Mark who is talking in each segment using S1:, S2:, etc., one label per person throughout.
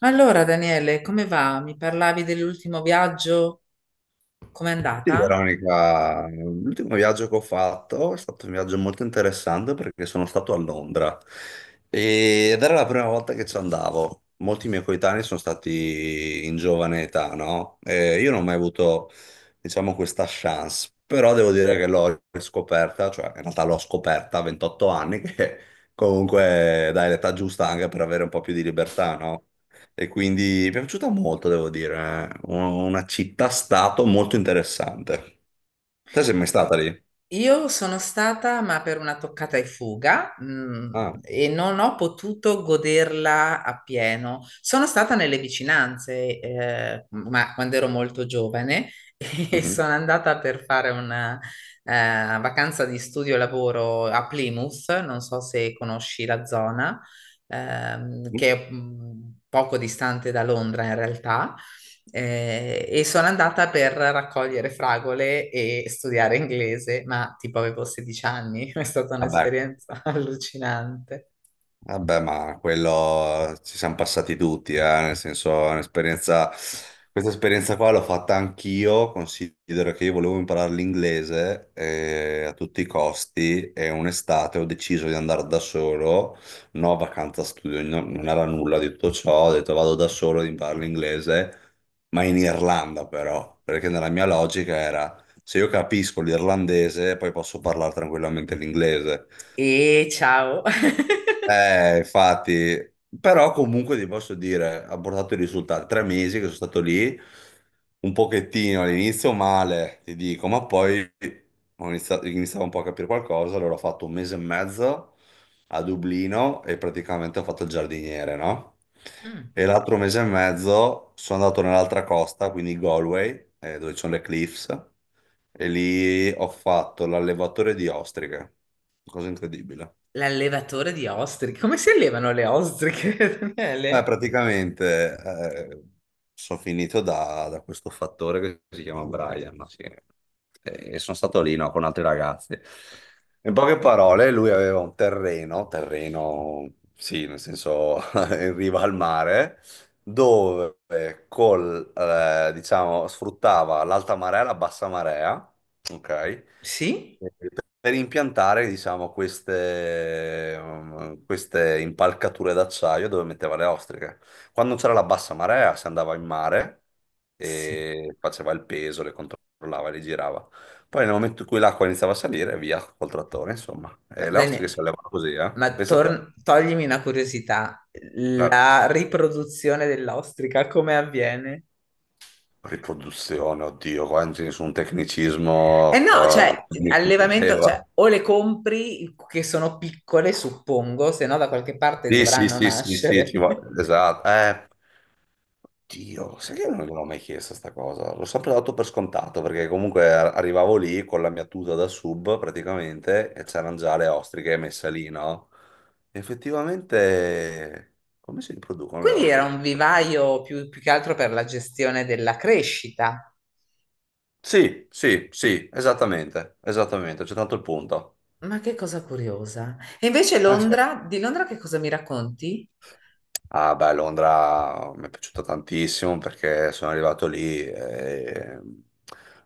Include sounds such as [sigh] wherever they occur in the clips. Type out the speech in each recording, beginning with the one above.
S1: Allora, Daniele, come va? Mi parlavi dell'ultimo viaggio? Com'è
S2: Sì,
S1: andata?
S2: Veronica, l'ultimo viaggio che ho fatto è stato un viaggio molto interessante perché sono stato a Londra. Ed era la prima volta che ci andavo. Molti miei coetanei sono stati in giovane età, no? E io non ho mai avuto, diciamo, questa chance, però devo dire che l'ho scoperta, cioè in realtà l'ho scoperta a 28 anni, [laughs] che comunque dai l'età giusta anche per avere un po' più di libertà, no? E quindi mi è piaciuta molto, devo dire. Una città-stato molto interessante. Te sei mai stata lì?
S1: Io sono stata, ma per una toccata e fuga,
S2: Ah,
S1: e non ho potuto goderla appieno. Sono stata nelle vicinanze, ma quando ero molto giovane. [laughs] E
S2: mhm.
S1: sono andata per fare una, eh, vacanza di studio e lavoro a Plymouth, non so se conosci la zona. Che è poco distante da Londra in realtà. E sono andata per raccogliere fragole e studiare inglese, ma tipo avevo 16 anni. [laughs] È stata
S2: Vabbè,
S1: un'esperienza [laughs] allucinante.
S2: vabbè, ma quello, ci siamo passati tutti, eh. Nel senso, è un'esperienza, questa esperienza qua l'ho fatta anch'io. Considero che io volevo imparare l'inglese a tutti i costi e un'estate ho deciso di andare da solo, no vacanza studio, non era nulla di tutto ciò, ho detto vado da solo ad imparare l'inglese, ma in Irlanda però, perché nella mia logica era: se io capisco l'irlandese poi posso parlare tranquillamente l'inglese.
S1: E ciao! [laughs]
S2: Infatti, però comunque ti posso dire, ha portato i risultati. Tre mesi che sono stato lì, un pochettino all'inizio male, ti dico, ma poi iniziavo un po' a capire qualcosa, allora ho fatto un mese e mezzo a Dublino e praticamente ho fatto il giardiniere, no?
S1: Mm.
S2: E l'altro mese e mezzo sono andato nell'altra costa, quindi Galway, dove ci sono le cliffs, e lì ho fatto l'allevatore di ostriche, cosa incredibile.
S1: L'allevatore di ostriche. Come si allevano le ostriche, [laughs]
S2: Beh,
S1: Daniele?
S2: praticamente, sono finito da questo fattore che si chiama Brian, no? Sì. E sono stato lì, no, con altri ragazzi. In poche parole, lui aveva un terreno, sì, nel senso, [laughs] in riva al mare, dove diciamo, sfruttava l'alta marea e la bassa marea, ok?
S1: Sì?
S2: Per impiantare, diciamo, queste impalcature d'acciaio dove metteva le ostriche. Quando c'era la bassa marea si andava in mare
S1: Sì.
S2: e faceva il peso, le controllava, le girava. Poi nel momento in cui l'acqua iniziava a salire, via col trattore, insomma.
S1: Ma,
S2: E le ostriche si
S1: Daniele,
S2: allevano così, eh?
S1: ma
S2: Pensa a te.
S1: toglimi una curiosità.
S2: Certo.
S1: La riproduzione dell'ostrica come avviene?
S2: Riproduzione, oddio, qua non c'è nessun
S1: Eh
S2: tecnicismo,
S1: no, cioè,
S2: [laughs] che mi
S1: allevamento, cioè,
S2: competeva.
S1: o le compri che sono piccole, suppongo, se no da qualche parte
S2: Sì, sì,
S1: dovranno
S2: sì, sì, sì,
S1: nascere. [laughs]
S2: esatto. Dio, sai che non l'ho mai chiesto sta cosa? L'ho sempre dato per scontato perché comunque arrivavo lì con la mia tuta da sub praticamente e c'erano già le ostriche messe lì, no? Effettivamente, come si riproducono le
S1: Quindi era
S2: ostriche?
S1: un vivaio più, più che altro per la gestione della crescita.
S2: Sì, sì, sì, esattamente, esattamente, c'è tanto il punto.
S1: Ma che cosa curiosa. E invece
S2: Ah, sì.
S1: Londra, di Londra che cosa mi racconti?
S2: Ah, beh, Londra mi è piaciuta tantissimo perché sono arrivato lì,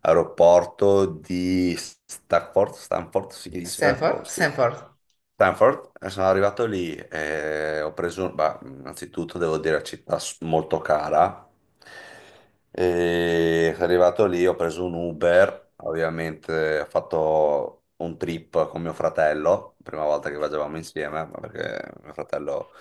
S2: aeroporto di Stafford, Stanford si dice? Boh,
S1: Stanford?
S2: sì.
S1: Stanford.
S2: Stanford, e sono arrivato lì e ho preso, beh, innanzitutto devo dire città molto cara, e sono arrivato lì, ho preso un Uber. Ovviamente ho fatto un trip con mio fratello, prima volta che viaggiavamo insieme, ma perché mio fratello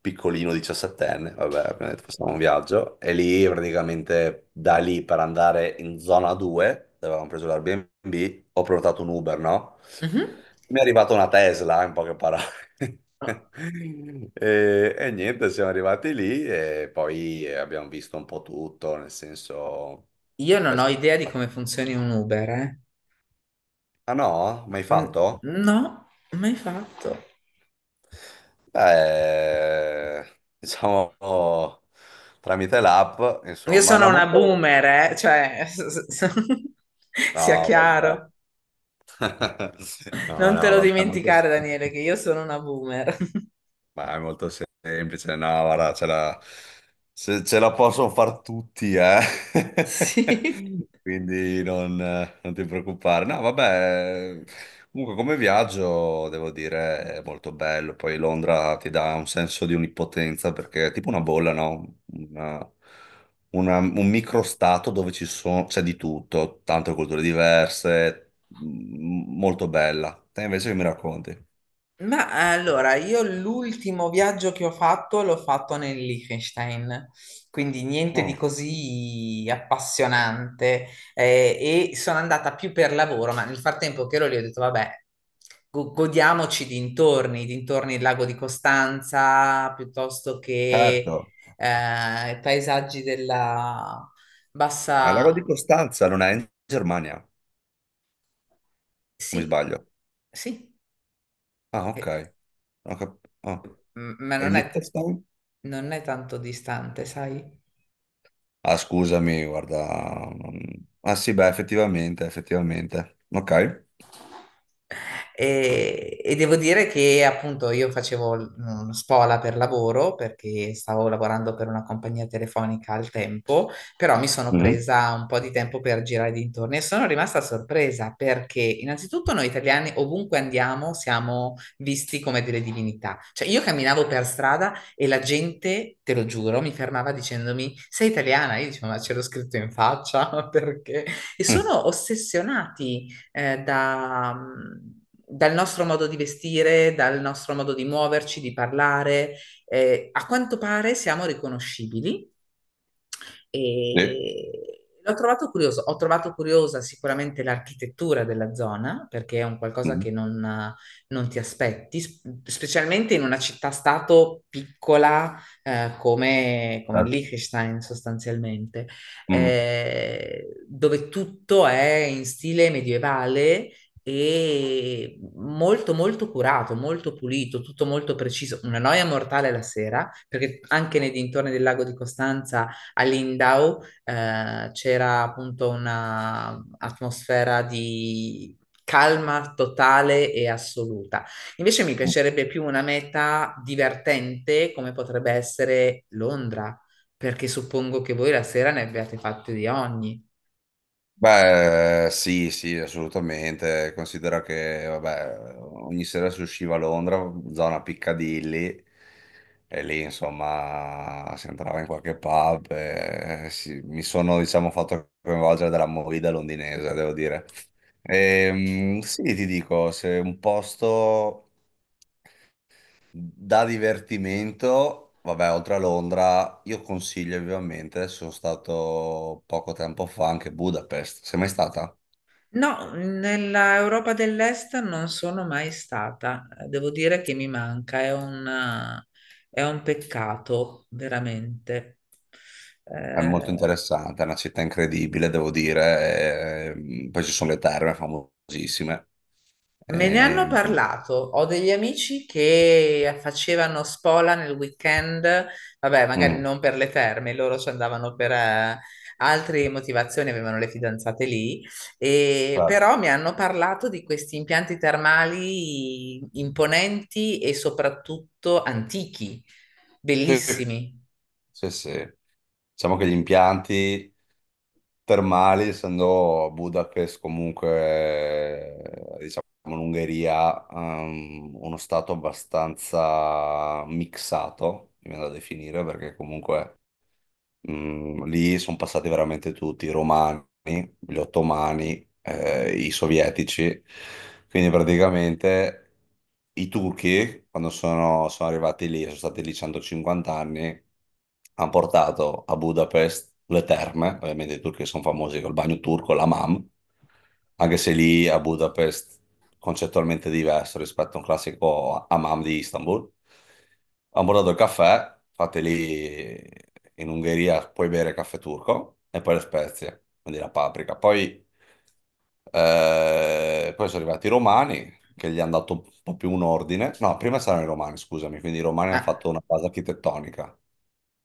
S2: piccolino, diciassettenne, vabbè, abbiamo detto facciamo un viaggio, e lì praticamente da lì per andare in zona 2, dove avevamo preso l'Airbnb, ho prenotato un Uber, no?
S1: Mhm.
S2: Mi è arrivata una Tesla, in poche parole. [laughs] E, e niente, siamo arrivati lì e poi abbiamo visto un po' tutto, nel senso...
S1: Io non ho idea di come funzioni un Uber, eh.
S2: Ah no? Mai
S1: Mm.
S2: fatto?
S1: No, mai fatto.
S2: Beh, diciamo tramite l'app,
S1: Io
S2: insomma,
S1: sono
S2: no,
S1: una
S2: molto.
S1: boomer, cioè, [laughs] sia
S2: No, vabbè.
S1: chiaro.
S2: [laughs] No,
S1: Non te
S2: no,
S1: lo
S2: vabbè, molto...
S1: dimenticare, Daniele, che io sono una boomer. [laughs]
S2: Ma è molto semplice, no, guarda, ce la, se- ce la possono far tutti, eh.
S1: Sì.
S2: [laughs] Quindi non, non ti preoccupare. No, vabbè, comunque come viaggio, devo dire, è molto bello. Poi Londra ti dà un senso di onnipotenza perché è tipo una bolla, no? Un microstato dove ci sono, c'è di tutto, tante culture diverse, molto bella. Te invece che mi racconti?
S1: Ma allora, io l'ultimo viaggio che ho fatto l'ho fatto nel Liechtenstein, quindi niente di
S2: Oh,
S1: così appassionante e sono andata più per lavoro, ma nel frattempo che ero lì ho detto, vabbè, godiamoci i dintorni del lago di Costanza, piuttosto che
S2: certo.
S1: i paesaggi della
S2: Ma il lago di
S1: bassa...
S2: Costanza non è in Germania, o mi
S1: Sì,
S2: sbaglio?
S1: sì.
S2: Ah, ok.
S1: Eh,
S2: Oh.
S1: ma
S2: E
S1: non è,
S2: Liechtenstein?
S1: non è tanto distante, sai?
S2: Ah, scusami, guarda, ah sì, beh, effettivamente, effettivamente. Ok.
S1: E devo dire che appunto io facevo uno spola per lavoro perché stavo lavorando per una compagnia telefonica al tempo, però mi sono
S2: Mhm.
S1: presa un po' di tempo per girare dintorni e sono rimasta sorpresa perché innanzitutto noi italiani ovunque andiamo siamo visti come delle divinità. Cioè io camminavo per strada e la gente, te lo giuro, mi fermava dicendomi sei italiana? Io dicevo ma ce l'ho scritto in faccia [laughs] perché? E
S2: Mm.
S1: sono ossessionati da, dal nostro modo di vestire, dal nostro modo di muoverci, di parlare. A quanto pare siamo riconoscibili
S2: Sì.
S1: e l'ho trovato curioso. Ho trovato curiosa sicuramente l'architettura della zona, perché è un qualcosa
S2: Mhm.
S1: che non, non ti aspetti, specialmente in una città-stato piccola come, come
S2: Certo.
S1: Liechtenstein sostanzialmente,
S2: Mhm.
S1: dove tutto è in stile medievale e molto curato, molto pulito, tutto molto preciso. Una noia mortale la sera, perché anche nei dintorni del lago di Costanza a Lindau c'era appunto un'atmosfera di calma totale e assoluta. Invece mi piacerebbe più una meta divertente come potrebbe essere Londra, perché suppongo che voi la sera ne abbiate fatte di ogni.
S2: Beh, sì, sì, assolutamente. Considera che, vabbè, ogni sera si usciva a Londra, zona Piccadilly, e lì, insomma, si entrava in qualche pub. E mi sono, diciamo, fatto coinvolgere dalla movida londinese, devo dire. Sì, ti dico, se un posto. Da divertimento, vabbè, oltre a Londra, io consiglio vivamente, adesso sono stato poco tempo fa anche a Budapest, sei mai stata?
S1: No, nella Europa dell'Est non sono mai stata. Devo dire che mi manca, è un peccato, veramente.
S2: È molto
S1: Eh,
S2: interessante, è una città incredibile, devo dire, poi ci sono le terme famosissime.
S1: Me ne hanno
S2: ehm,
S1: parlato, ho degli amici che facevano spola nel weekend, vabbè, magari
S2: mm,
S1: non per le terme, loro ci andavano per altre motivazioni, avevano le fidanzate lì, e,
S2: cioè,
S1: però mi hanno parlato di questi impianti termali imponenti e soprattutto antichi,
S2: sì,
S1: bellissimi.
S2: sì, sì. Diciamo che gli impianti termali, essendo Budapest comunque, diciamo, l'Ungheria, uno stato abbastanza mixato, mi viene da definire, perché comunque mm, lì sono passati veramente tutti, i romani, gli ottomani, i sovietici. Quindi praticamente i turchi, sono arrivati lì, sono stati lì 150 anni, hanno portato a Budapest le terme. Ovviamente i turchi sono famosi col bagno turco, la mam, anche se lì a Budapest concettualmente diverso rispetto a un classico hammam di Istanbul. Ho bordato il caffè, fate lì in Ungheria puoi bere caffè turco e poi le spezie, quindi la paprika. Poi, poi sono arrivati i romani che gli hanno dato un po' più un ordine. No, prima c'erano i romani, scusami, quindi i romani hanno
S1: Ah,
S2: fatto una base architettonica,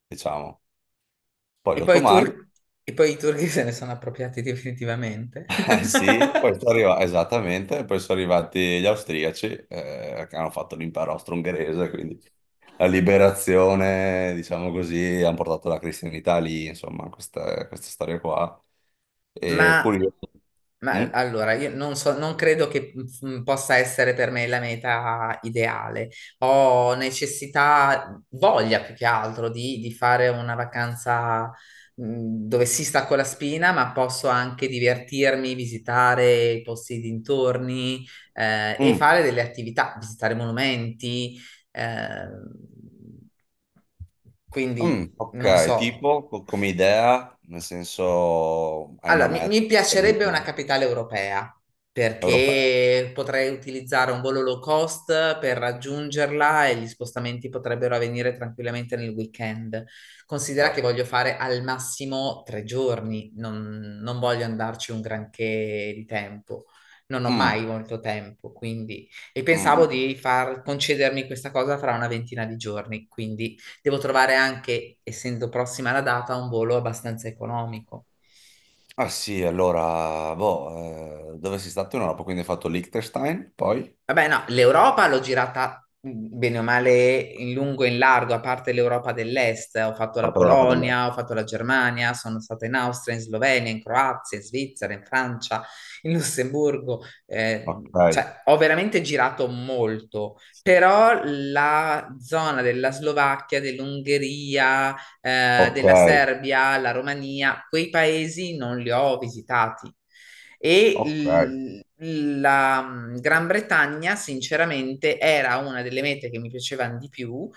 S2: diciamo. Poi gli
S1: e poi i
S2: ottomani,
S1: tur- e poi i turchi se ne sono appropriati definitivamente.
S2: [laughs] eh
S1: [laughs]
S2: sì, e poi sono arrivati, esattamente, e poi sono arrivati gli austriaci, che hanno fatto l'impero austro-ungherese, quindi la liberazione, diciamo così, hanno portato la cristianità lì, insomma, questa storia qua. E
S1: Ma,
S2: curioso.
S1: ma
S2: Mm?
S1: allora, io non so, non credo che possa essere per me la meta ideale. Ho necessità, voglia più che altro di fare una vacanza dove si stacco la spina, ma posso anche divertirmi, visitare i posti dintorni e
S2: Mm,
S1: fare delle attività, visitare monumenti. Eh, quindi
S2: mm, ok,
S1: non so.
S2: tipo come idea, nel senso hai
S1: Allora,
S2: una
S1: mi,
S2: meta
S1: mi piacerebbe una
S2: prima,
S1: capitale europea
S2: europea.
S1: perché potrei utilizzare un volo low cost per raggiungerla e gli spostamenti potrebbero avvenire tranquillamente nel weekend. Considera che
S2: Certo.
S1: voglio fare al massimo 3 giorni, non, non voglio andarci un granché di tempo. Non ho
S2: Mm,
S1: mai molto tempo, quindi... E
S2: mm,
S1: pensavo
S2: mm.
S1: di far concedermi questa cosa fra una ventina di giorni, quindi devo trovare anche, essendo prossima la data, un volo abbastanza economico.
S2: Ah sì, allora, boh, dove sei stato in Europa? Quindi hai fatto Liechtenstein, poi
S1: Vabbè, no, l'Europa l'ho girata bene o male in lungo e in largo, a parte l'Europa dell'Est. Ho fatto la
S2: parte d'Europa dell'Est.
S1: Polonia, ho fatto la Germania, sono stata in Austria, in Slovenia, in Croazia, in Svizzera, in Francia, in Lussemburgo.
S2: Ok,
S1: Cioè, ho veramente girato molto, però la zona della Slovacchia, dell'Ungheria,
S2: ok,
S1: della Serbia, la Romania, quei paesi non li ho visitati.
S2: ok.
S1: E la Gran Bretagna, sinceramente, era una delle mete che mi piacevano di più.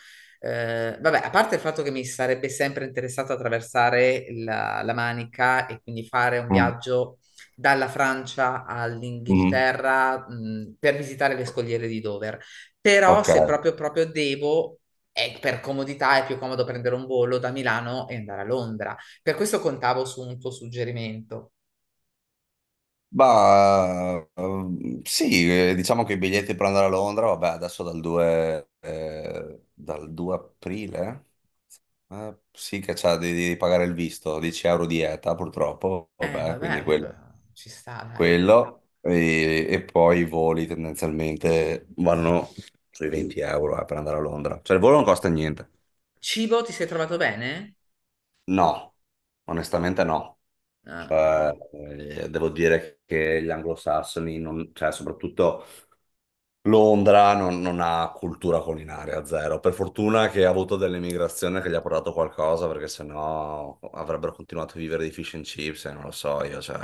S1: Vabbè, a parte il fatto che mi sarebbe sempre interessato attraversare la, la Manica e quindi fare un
S2: Mm,
S1: viaggio dalla Francia
S2: mm,
S1: all'Inghilterra, per visitare le scogliere di Dover. Però se
S2: ok.
S1: proprio proprio devo, è per comodità è più comodo prendere un volo da Milano e andare a Londra. Per questo contavo su un tuo suggerimento.
S2: Bah, sì, diciamo che i biglietti per andare a Londra, vabbè, adesso dal 2 aprile, sì che c'è, devi, devi pagare il visto, 10 € di ETA purtroppo, vabbè, quindi
S1: Vabbè,
S2: quello,
S1: ci sta, dai.
S2: quello e poi i voli tendenzialmente vanno sui 20 euro, per andare a Londra, cioè il volo non costa niente.
S1: Cibo, ti sei trovato bene?
S2: No, onestamente no.
S1: Ah,
S2: Cioè, devo dire che gli anglosassoni, cioè, soprattutto Londra non, non ha cultura culinaria, zero. Per fortuna che ha avuto dell'emigrazione che gli ha portato qualcosa, perché sennò avrebbero continuato a vivere di fish and chips, e non lo so io, cioè...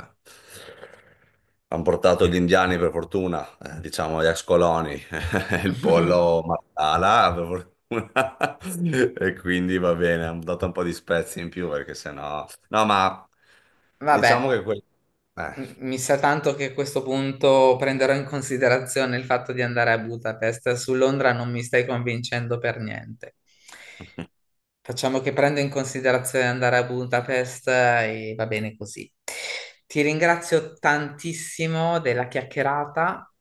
S2: Hanno portato gli indiani, per fortuna, diciamo gli ex coloni, [laughs] il pollo Marsala, per fortuna, [laughs] e quindi va bene, hanno dato un po' di spezie in più, perché sennò... No, ma diciamo
S1: vabbè,
S2: che... Eh,
S1: mi sa tanto che a questo punto prenderò in considerazione il fatto di andare a Budapest. Su Londra non mi stai convincendo per niente. Facciamo che prendo in considerazione andare a Budapest e va bene così. Ti ringrazio tantissimo della chiacchierata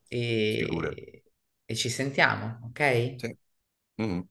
S2: figurati.
S1: e ci sentiamo, ok?
S2: Sì. Mhm.